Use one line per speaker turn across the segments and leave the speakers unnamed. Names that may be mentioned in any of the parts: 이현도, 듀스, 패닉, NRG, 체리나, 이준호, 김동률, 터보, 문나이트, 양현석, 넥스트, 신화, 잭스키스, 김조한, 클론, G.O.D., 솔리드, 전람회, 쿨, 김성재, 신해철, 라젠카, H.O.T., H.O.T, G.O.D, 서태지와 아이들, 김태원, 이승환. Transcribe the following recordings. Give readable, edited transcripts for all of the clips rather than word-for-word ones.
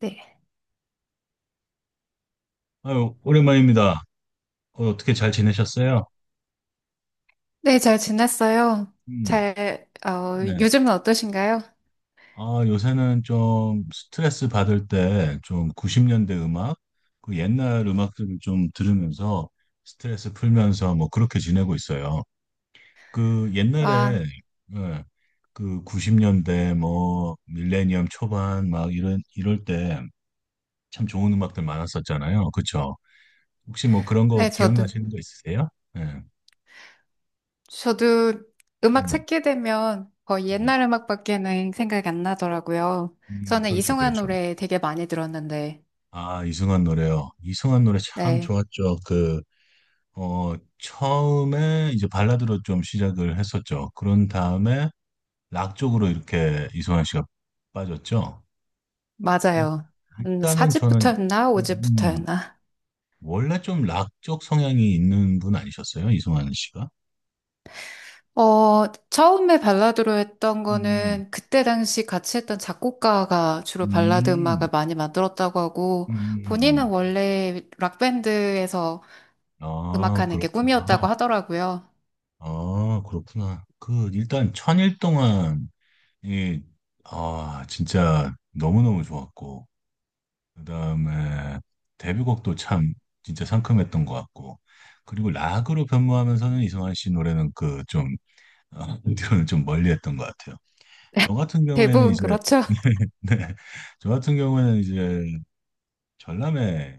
네.
아유, 오랜만입니다. 어떻게 잘 지내셨어요?
네, 잘 지냈어요.
음. 네.
요즘은 어떠신가요?
아, 요새는 좀 스트레스 받을 때 좀 90년대 음악, 그 옛날 음악들을 좀 들으면서 스트레스 풀면서 뭐 그렇게 지내고 있어요. 그 옛날에,
아,
예, 그 90년대 뭐 밀레니엄 초반 막 이런, 이럴 때 참 좋은 음악들 많았었잖아요. 그쵸? 혹시 뭐 그런 거
네, 저도.
기억나시는 거 있으세요? 예.
저도 음악
음.
찾게 되면 거의
네.
옛날 음악밖에는 생각이 안 나더라고요. 저는
그렇죠,
이승환
그렇죠.
노래 되게 많이 들었는데,
아, 이승환 노래요. 이승환 노래 참
네,
좋았죠. 그, 처음에 이제 발라드로 좀 시작을 했었죠. 그런 다음에 락 쪽으로 이렇게 이승환 씨가 빠졌죠. 일,
맞아요. 한
일단은 저는,
4집부터였나?
음, 음,
5집부터였나?
원래 좀 락 쪽 성향이 있는 분 아니셨어요? 이승환 씨가?
처음에 발라드로 했던
음.
거는 그때 당시 같이 했던 작곡가가 주로 발라드
음.
음악을 많이 만들었다고 하고,
음.
본인은 원래 락밴드에서
아,
음악하는 게 꿈이었다고
그렇구나.
하더라고요.
아, 그렇구나. 그, 일단 천일 동안 이, 아, 진짜 너무너무 좋았고, 그 다음에 데뷔곡도 참 진짜 상큼했던 것 같고, 그리고 락으로 변모하면서는 이승환 씨 노래는 그 좀, 어, 뒤로는 좀 멀리 했던 것 같아요. 저 같은 경우에는
대부분
이제,
그렇죠.
네, 저 같은 경우에는 이제 전람회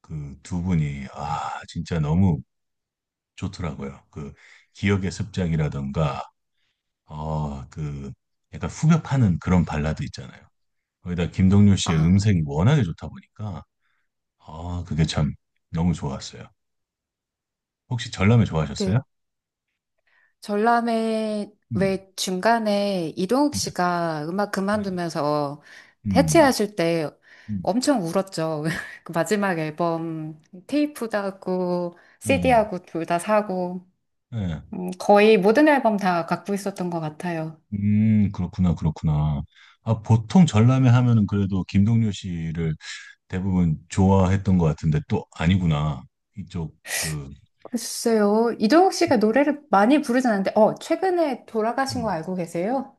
그 두 분이, 아, 진짜 너무 좋더라고요. 그 기억의 습작이라던가, 그 약간 후벼파는 그런 발라드 있잖아요. 거기다 김동률 씨의
아,
음색이 워낙에 좋다 보니까 아 그게 참 너무 좋았어요. 혹시 전람회
그
좋아하셨어요?
전람회
음.
왜 중간에 이동욱
네.
씨가 음악
네.
그만두면서
음.
해체하실 때
음.
엄청 울었죠. 그 마지막 앨범 테이프도 하고
네.
CD하고 둘 다 사고
네.
거의 모든 앨범 다 갖고 있었던 것 같아요.
그렇구나, 그렇구나. 아 보통 전람회 하면은 그래도 김동률 씨를 대부분 좋아했던 것 같은데 또 아니구나. 이쪽 그
글쎄요. 이동욱 씨가 노래를 많이 부르진 않는데 최근에 돌아가신 거
음,
알고 계세요?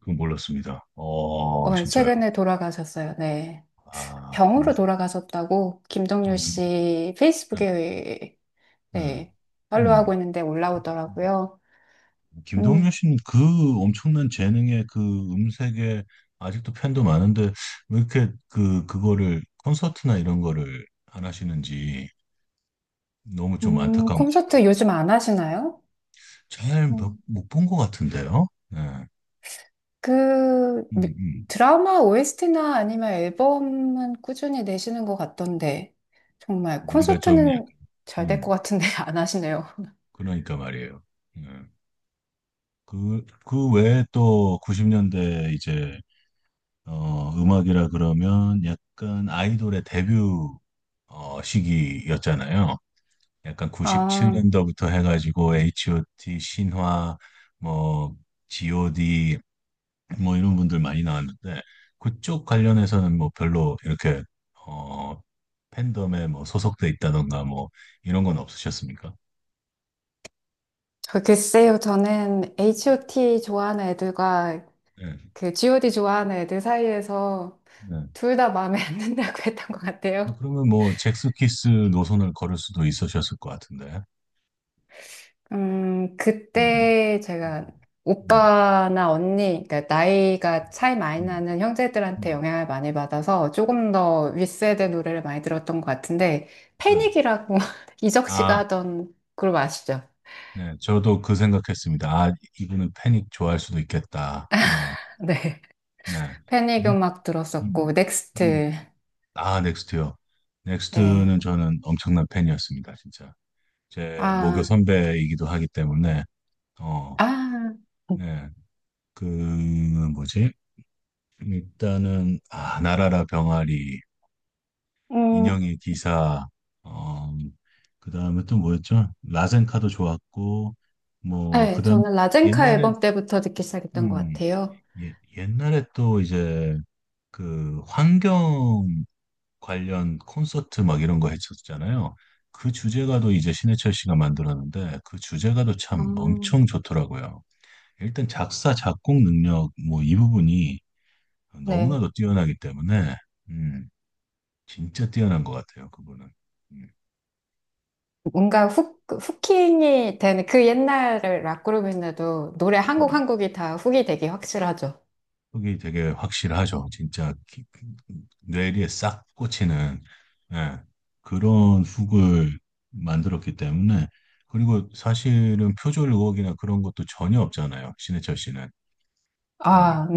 그건 몰랐습니다. 어
네,
진짜요.
최근에 돌아가셨어요. 네.
아
병으로
그러시.
돌아가셨다고
어.
김동률 씨
네.
페이스북에
네.
네,
음.
팔로우하고 있는데
음.
올라오더라고요.
김동률
음,
씨는 그 엄청난 재능의 그 음색에 아직도 팬도 많은데 왜 이렇게 그 그거를 콘서트나 이런 거를 안 하시는지 너무 좀 안타까운 것 같아요.
콘서트 요즘 안 하시나요?
잘
음,
못 본 것 같은데요. 네.
그
음. 음.
드라마 OST나 아니면 앨범은 꾸준히 내시는 것 같던데 정말
우리가 좀
콘서트는
약간,
잘 될 것
음,
같은데 안 하시네요.
그러니까 말이에요. 네. 그, 그 외에 또 90년대 이제 음악이라 그러면 약간 아이돌의 데뷔 시기였잖아요. 약간
아,
97년도부터 해가지고 H.O.T. 신화 뭐 G.O.D. 뭐 이런 분들 많이 나왔는데 그쪽 관련해서는 뭐 별로 이렇게 어 팬덤에 뭐 소속돼 있다던가 뭐 이런 건 없으셨습니까?
저 글쎄요. 저는
네.
H.O.T 좋아하는 애들과 그 G.O.D 좋아하는 애들 사이에서
네.
둘 다 마음에 안 든다고 했던 것
어,
같아요.
그러면 뭐 잭스키스 노선을 걸을 수도 있으셨을 것 같은데. 음.
그때
음.
제가
음.
오빠나 언니, 그러니까 나이가 차이 많이
음.
나는 형제들한테
음.
영향을 많이 받아서 조금 더 윗세대 노래를 많이 들었던 것 같은데,
음. 네.
패닉이라고 이적 씨가
아,
하던 그룹 아시죠?
네. 저도 그 생각했습니다. 아, 이분은 패닉 좋아할 수도 있겠다. 어.
네.
네.
패닉
일-
음악
음.
들었었고,
음.
넥스트.
아, 넥스트요.
네.
넥스트는 저는 엄청난 팬이었습니다, 진짜. 제 모교
아,
선배이기도 하기 때문에, 어.
아.
네. 그, 뭐지? 일단은, 아, 나라라 병아리,
음,
인형의 기사, 어, 그 다음에 또 뭐였죠? 라젠카도 좋았고, 뭐, 그
네,
다음,
저는 라젠카
옛날에,
앨범 때부터 듣기 시작했던 것
음,
같아요.
예, 옛날에 또 이제, 그, 환경 관련 콘서트 막 이런 거 했었잖아요. 그 주제가도 이제 신해철 씨가 만들었는데 그 주제가도 참 엄청
아,
좋더라고요. 일단 작사, 작곡 능력 뭐 이 부분이
네.
너무나도 뛰어나기 때문에 음, 진짜 뛰어난 것 같아요. 그분은.
뭔가 후킹이 되는 그 옛날을 락그룹인데도 노래 한 곡
음,
한 곡이 다 훅이 되기 확실하죠.
그게 되게 확실하죠. 진짜 뇌리에 싹 꽂히는 예, 그런 훅을 만들었기 때문에 그리고 사실은 표절 의혹이나 그런 것도 전혀 없잖아요. 신해철 씨는. 음.
아, 네.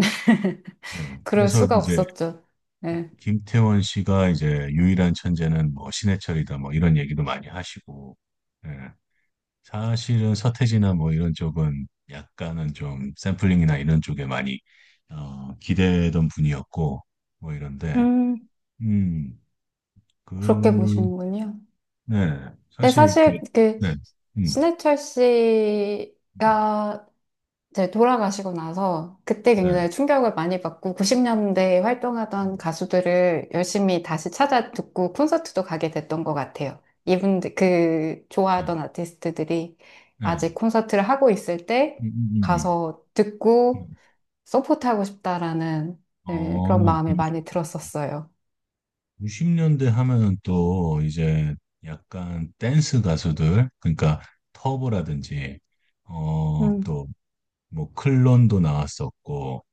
네.
그럴
그래서
수가
이제
없었죠. 네.
김태원 씨가 이제 유일한 천재는 뭐 신해철이다 뭐 이런 얘기도 많이 하시고, 예. 사실은 서태지나 뭐 이런 쪽은 약간은 좀 샘플링이나 이런 쪽에 많이 기대던 분이었고 뭐 이런데,
음,
음,
그렇게
그,
보시는군요.
네,
근데
사실 그,
사실 그
네, 음,
신해철 씨가 이제 돌아가시고 나서 그때
네, 네,
굉장히 충격을 많이 받고 90년대에 활동하던
음,
가수들을 열심히 다시 찾아 듣고 콘서트도 가게 됐던 것 같아요. 이분들, 그 좋아하던 아티스트들이
네,
아직 콘서트를 하고 있을 때
음, 음,
가서 듣고
음.
서포트하고 싶다라는 네,
어,
그런 마음이
그러니까.
많이 들었었어요.
90년대 하면은 또 이제 약간 댄스 가수들, 그러니까 터보라든지,
음.
또 뭐 클론도 나왔었고,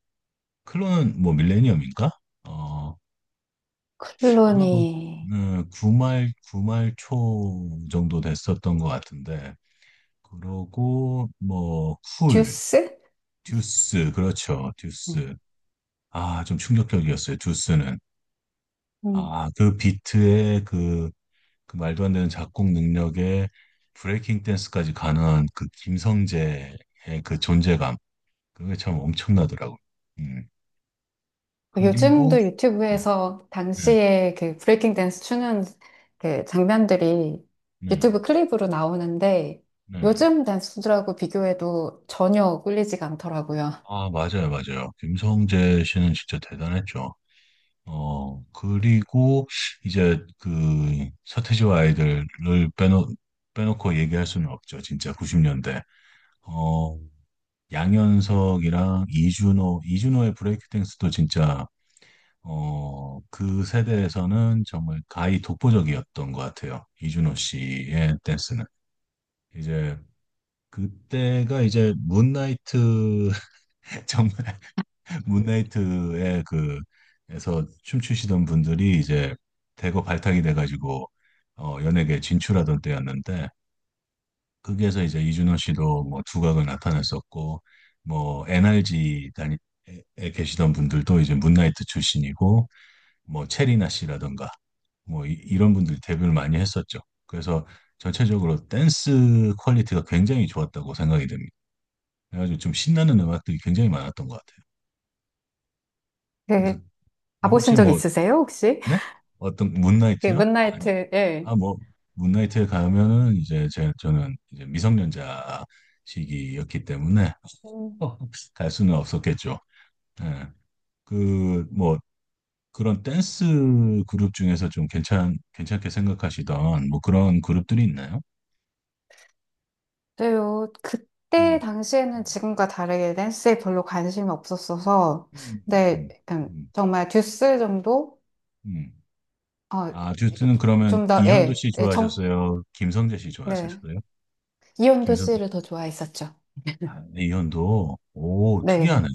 클론은 뭐 밀레니엄인가? 어, 아마 뭐,
클로니,
구말, 구말 초 정도 됐었던 것 같은데, 그러고 뭐, 쿨,
듀스?
듀스, 그렇죠, 듀스. 아, 좀 충격적이었어요, 듀스는.
네.
아, 그 비트의 그 그 말도 안 되는 작곡 능력에 브레이킹 댄스까지 가능한 그 김성재의 그 존재감 그게 참 엄청나더라고요. 음. 그리고
요즘도
네.
유튜브에서
네.
당시에 그 브레이킹 댄스 추는 그 장면들이
네.
유튜브 클립으로 나오는데
네. 네.
요즘 댄스들하고 비교해도 전혀 꿀리지가 않더라고요.
아, 맞아요, 맞아요. 김성재 씨는 진짜 대단했죠. 어, 그리고 이제 그 서태지와 아이들을 빼놓, 빼놓고 얘기할 수는 없죠. 진짜 90년대. 어, 양현석이랑 이준호, 이준호의 브레이크 댄스도 진짜 그 세대에서는 정말 가히 독보적이었던 것 같아요. 이준호 씨의 댄스는. 이제 그때가 이제 문나이트 정말 문나이트의 그 에서 춤추시던 분들이 이제 대거 발탁이 돼가지고 연예계 진출하던 때였는데 거기에서 이제 이준호 씨도 뭐 두각을 나타냈었고 뭐 NRG 단위에 계시던 분들도 이제 문나이트 출신이고 뭐 체리나 씨라던가 뭐 이, 런 분들이 데뷔를 많이 했었죠. 그래서 전체적으로 댄스 퀄리티가 굉장히 좋았다고 생각이 됩니다. 그래가지고 좀 신나는 음악들이 굉장히 많았던 것 같아요.
그,
그래서 뭐
가보신
혹시
적
뭐,
있으세요, 혹시?
네? 어떤
그,
문나이트요? 아니,
문나이트, 예.
아, 뭐, 문나이트에 가면은 이제 제, 저는 이제 미성년자 시기였기 때문에
음.
갈 수는 없었겠죠. 예. 그, 뭐, 그런 댄스 그룹 중에서 좀 괜찮게 생각하시던 뭐 그런 그룹들이 있나요?
그요 그때
음.
당시에는 지금과 다르게 댄스에 별로 관심이 없었어서,
음.
근데
음.
약간
음.
정말 듀스 정도?
음.
어,
아, 듀스는 그러면
좀 더,
이현도
예,
씨
예,
좋아하셨어요? 김성재 씨
네.
좋아하셨어요?
이온도
김성재.
씨를 더 좋아했었죠.
아, 네, 이현도. 오, 특이하네.
네.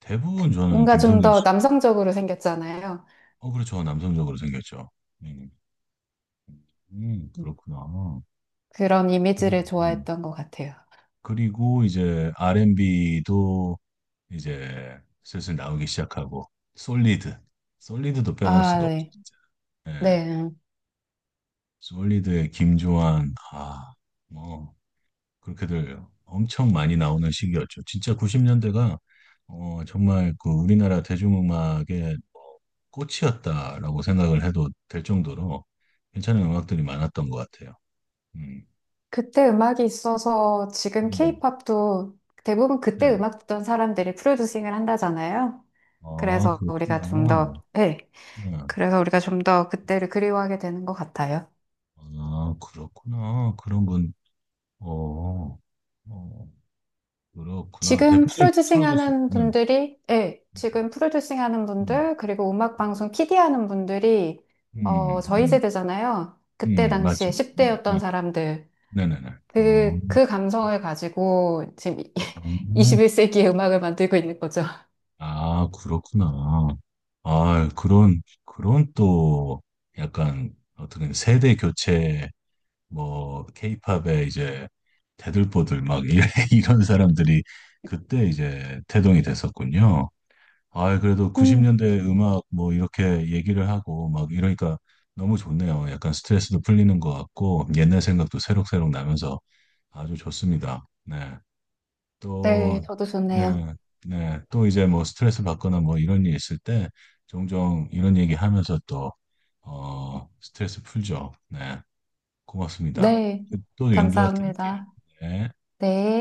대부분 저는
뭔가 좀
김성재
더
씨.
남성적으로 생겼잖아요.
그렇죠. 남성적으로 생겼죠. 음.
음.
그렇구나.
그런 이미지를
음. 음.
좋아했던 것 같아요.
그리고 이제 R&B도 이제 슬슬 나오기 시작하고, 솔리드. 솔리드도 빼놓을
아,
수가 없죠,
네.
진짜. 예.
네.
솔리드의 김조한, 아, 뭐. 그렇게들 엄청 많이 나오는 시기였죠. 진짜 90년대가 정말 그 우리나라 대중음악의 뭐 꽃이었다라고 생각을 해도 될 정도로 괜찮은 음악들이 많았던 것 같아요. 음.
그때 음악이 있어서 지금
음.
케이팝도 대부분
네.
그때 음악 듣던 사람들이 프로듀싱을 한다잖아요.
아,
그래서 우리가 좀 더,
그렇구나.
네.
네.
그래서 우리가 좀 더 그때를 그리워하게 되는 것 같아요.
아, 그렇구나. 그런 분, 어, 어, 그렇구나.
지금
대표적인
프로듀싱
프로듀서.
하는
네.
분들이, 예, 지금 프로듀싱 하는
음.
분들, 그리고 음악 방송 PD 하는 분들이, 저희
음.
세대잖아요.
음.
그때 당시에
맞죠. 네.
10대였던
네.
사람들,
네. 네. 네. 어,
그 감성을 가지고 지금 21세기의 음악을 만들고 있는 거죠.
아, 그렇구나. 아, 그런, 그런 또 약간 어떻게 보면 세대 교체, 뭐, 케이팝에 이제 대들보들 막 이런 사람들이 그때 이제 태동이 됐었군요. 아, 그래도
음.
90년대 음악 뭐 이렇게 얘기를 하고 막 이러니까 너무 좋네요. 약간 스트레스도 풀리는 것 같고 옛날 생각도 새록새록 나면서 아주 좋습니다. 네.
네,
또,
저도 좋네요.
네. 네. 또 이제 뭐 스트레스 받거나 뭐 이런 일 있을 때 종종 이런 얘기 하면서 또, 스트레스 풀죠. 네. 고맙습니다.
네,
또 연결 드릴게요.
감사합니다.
네.
네.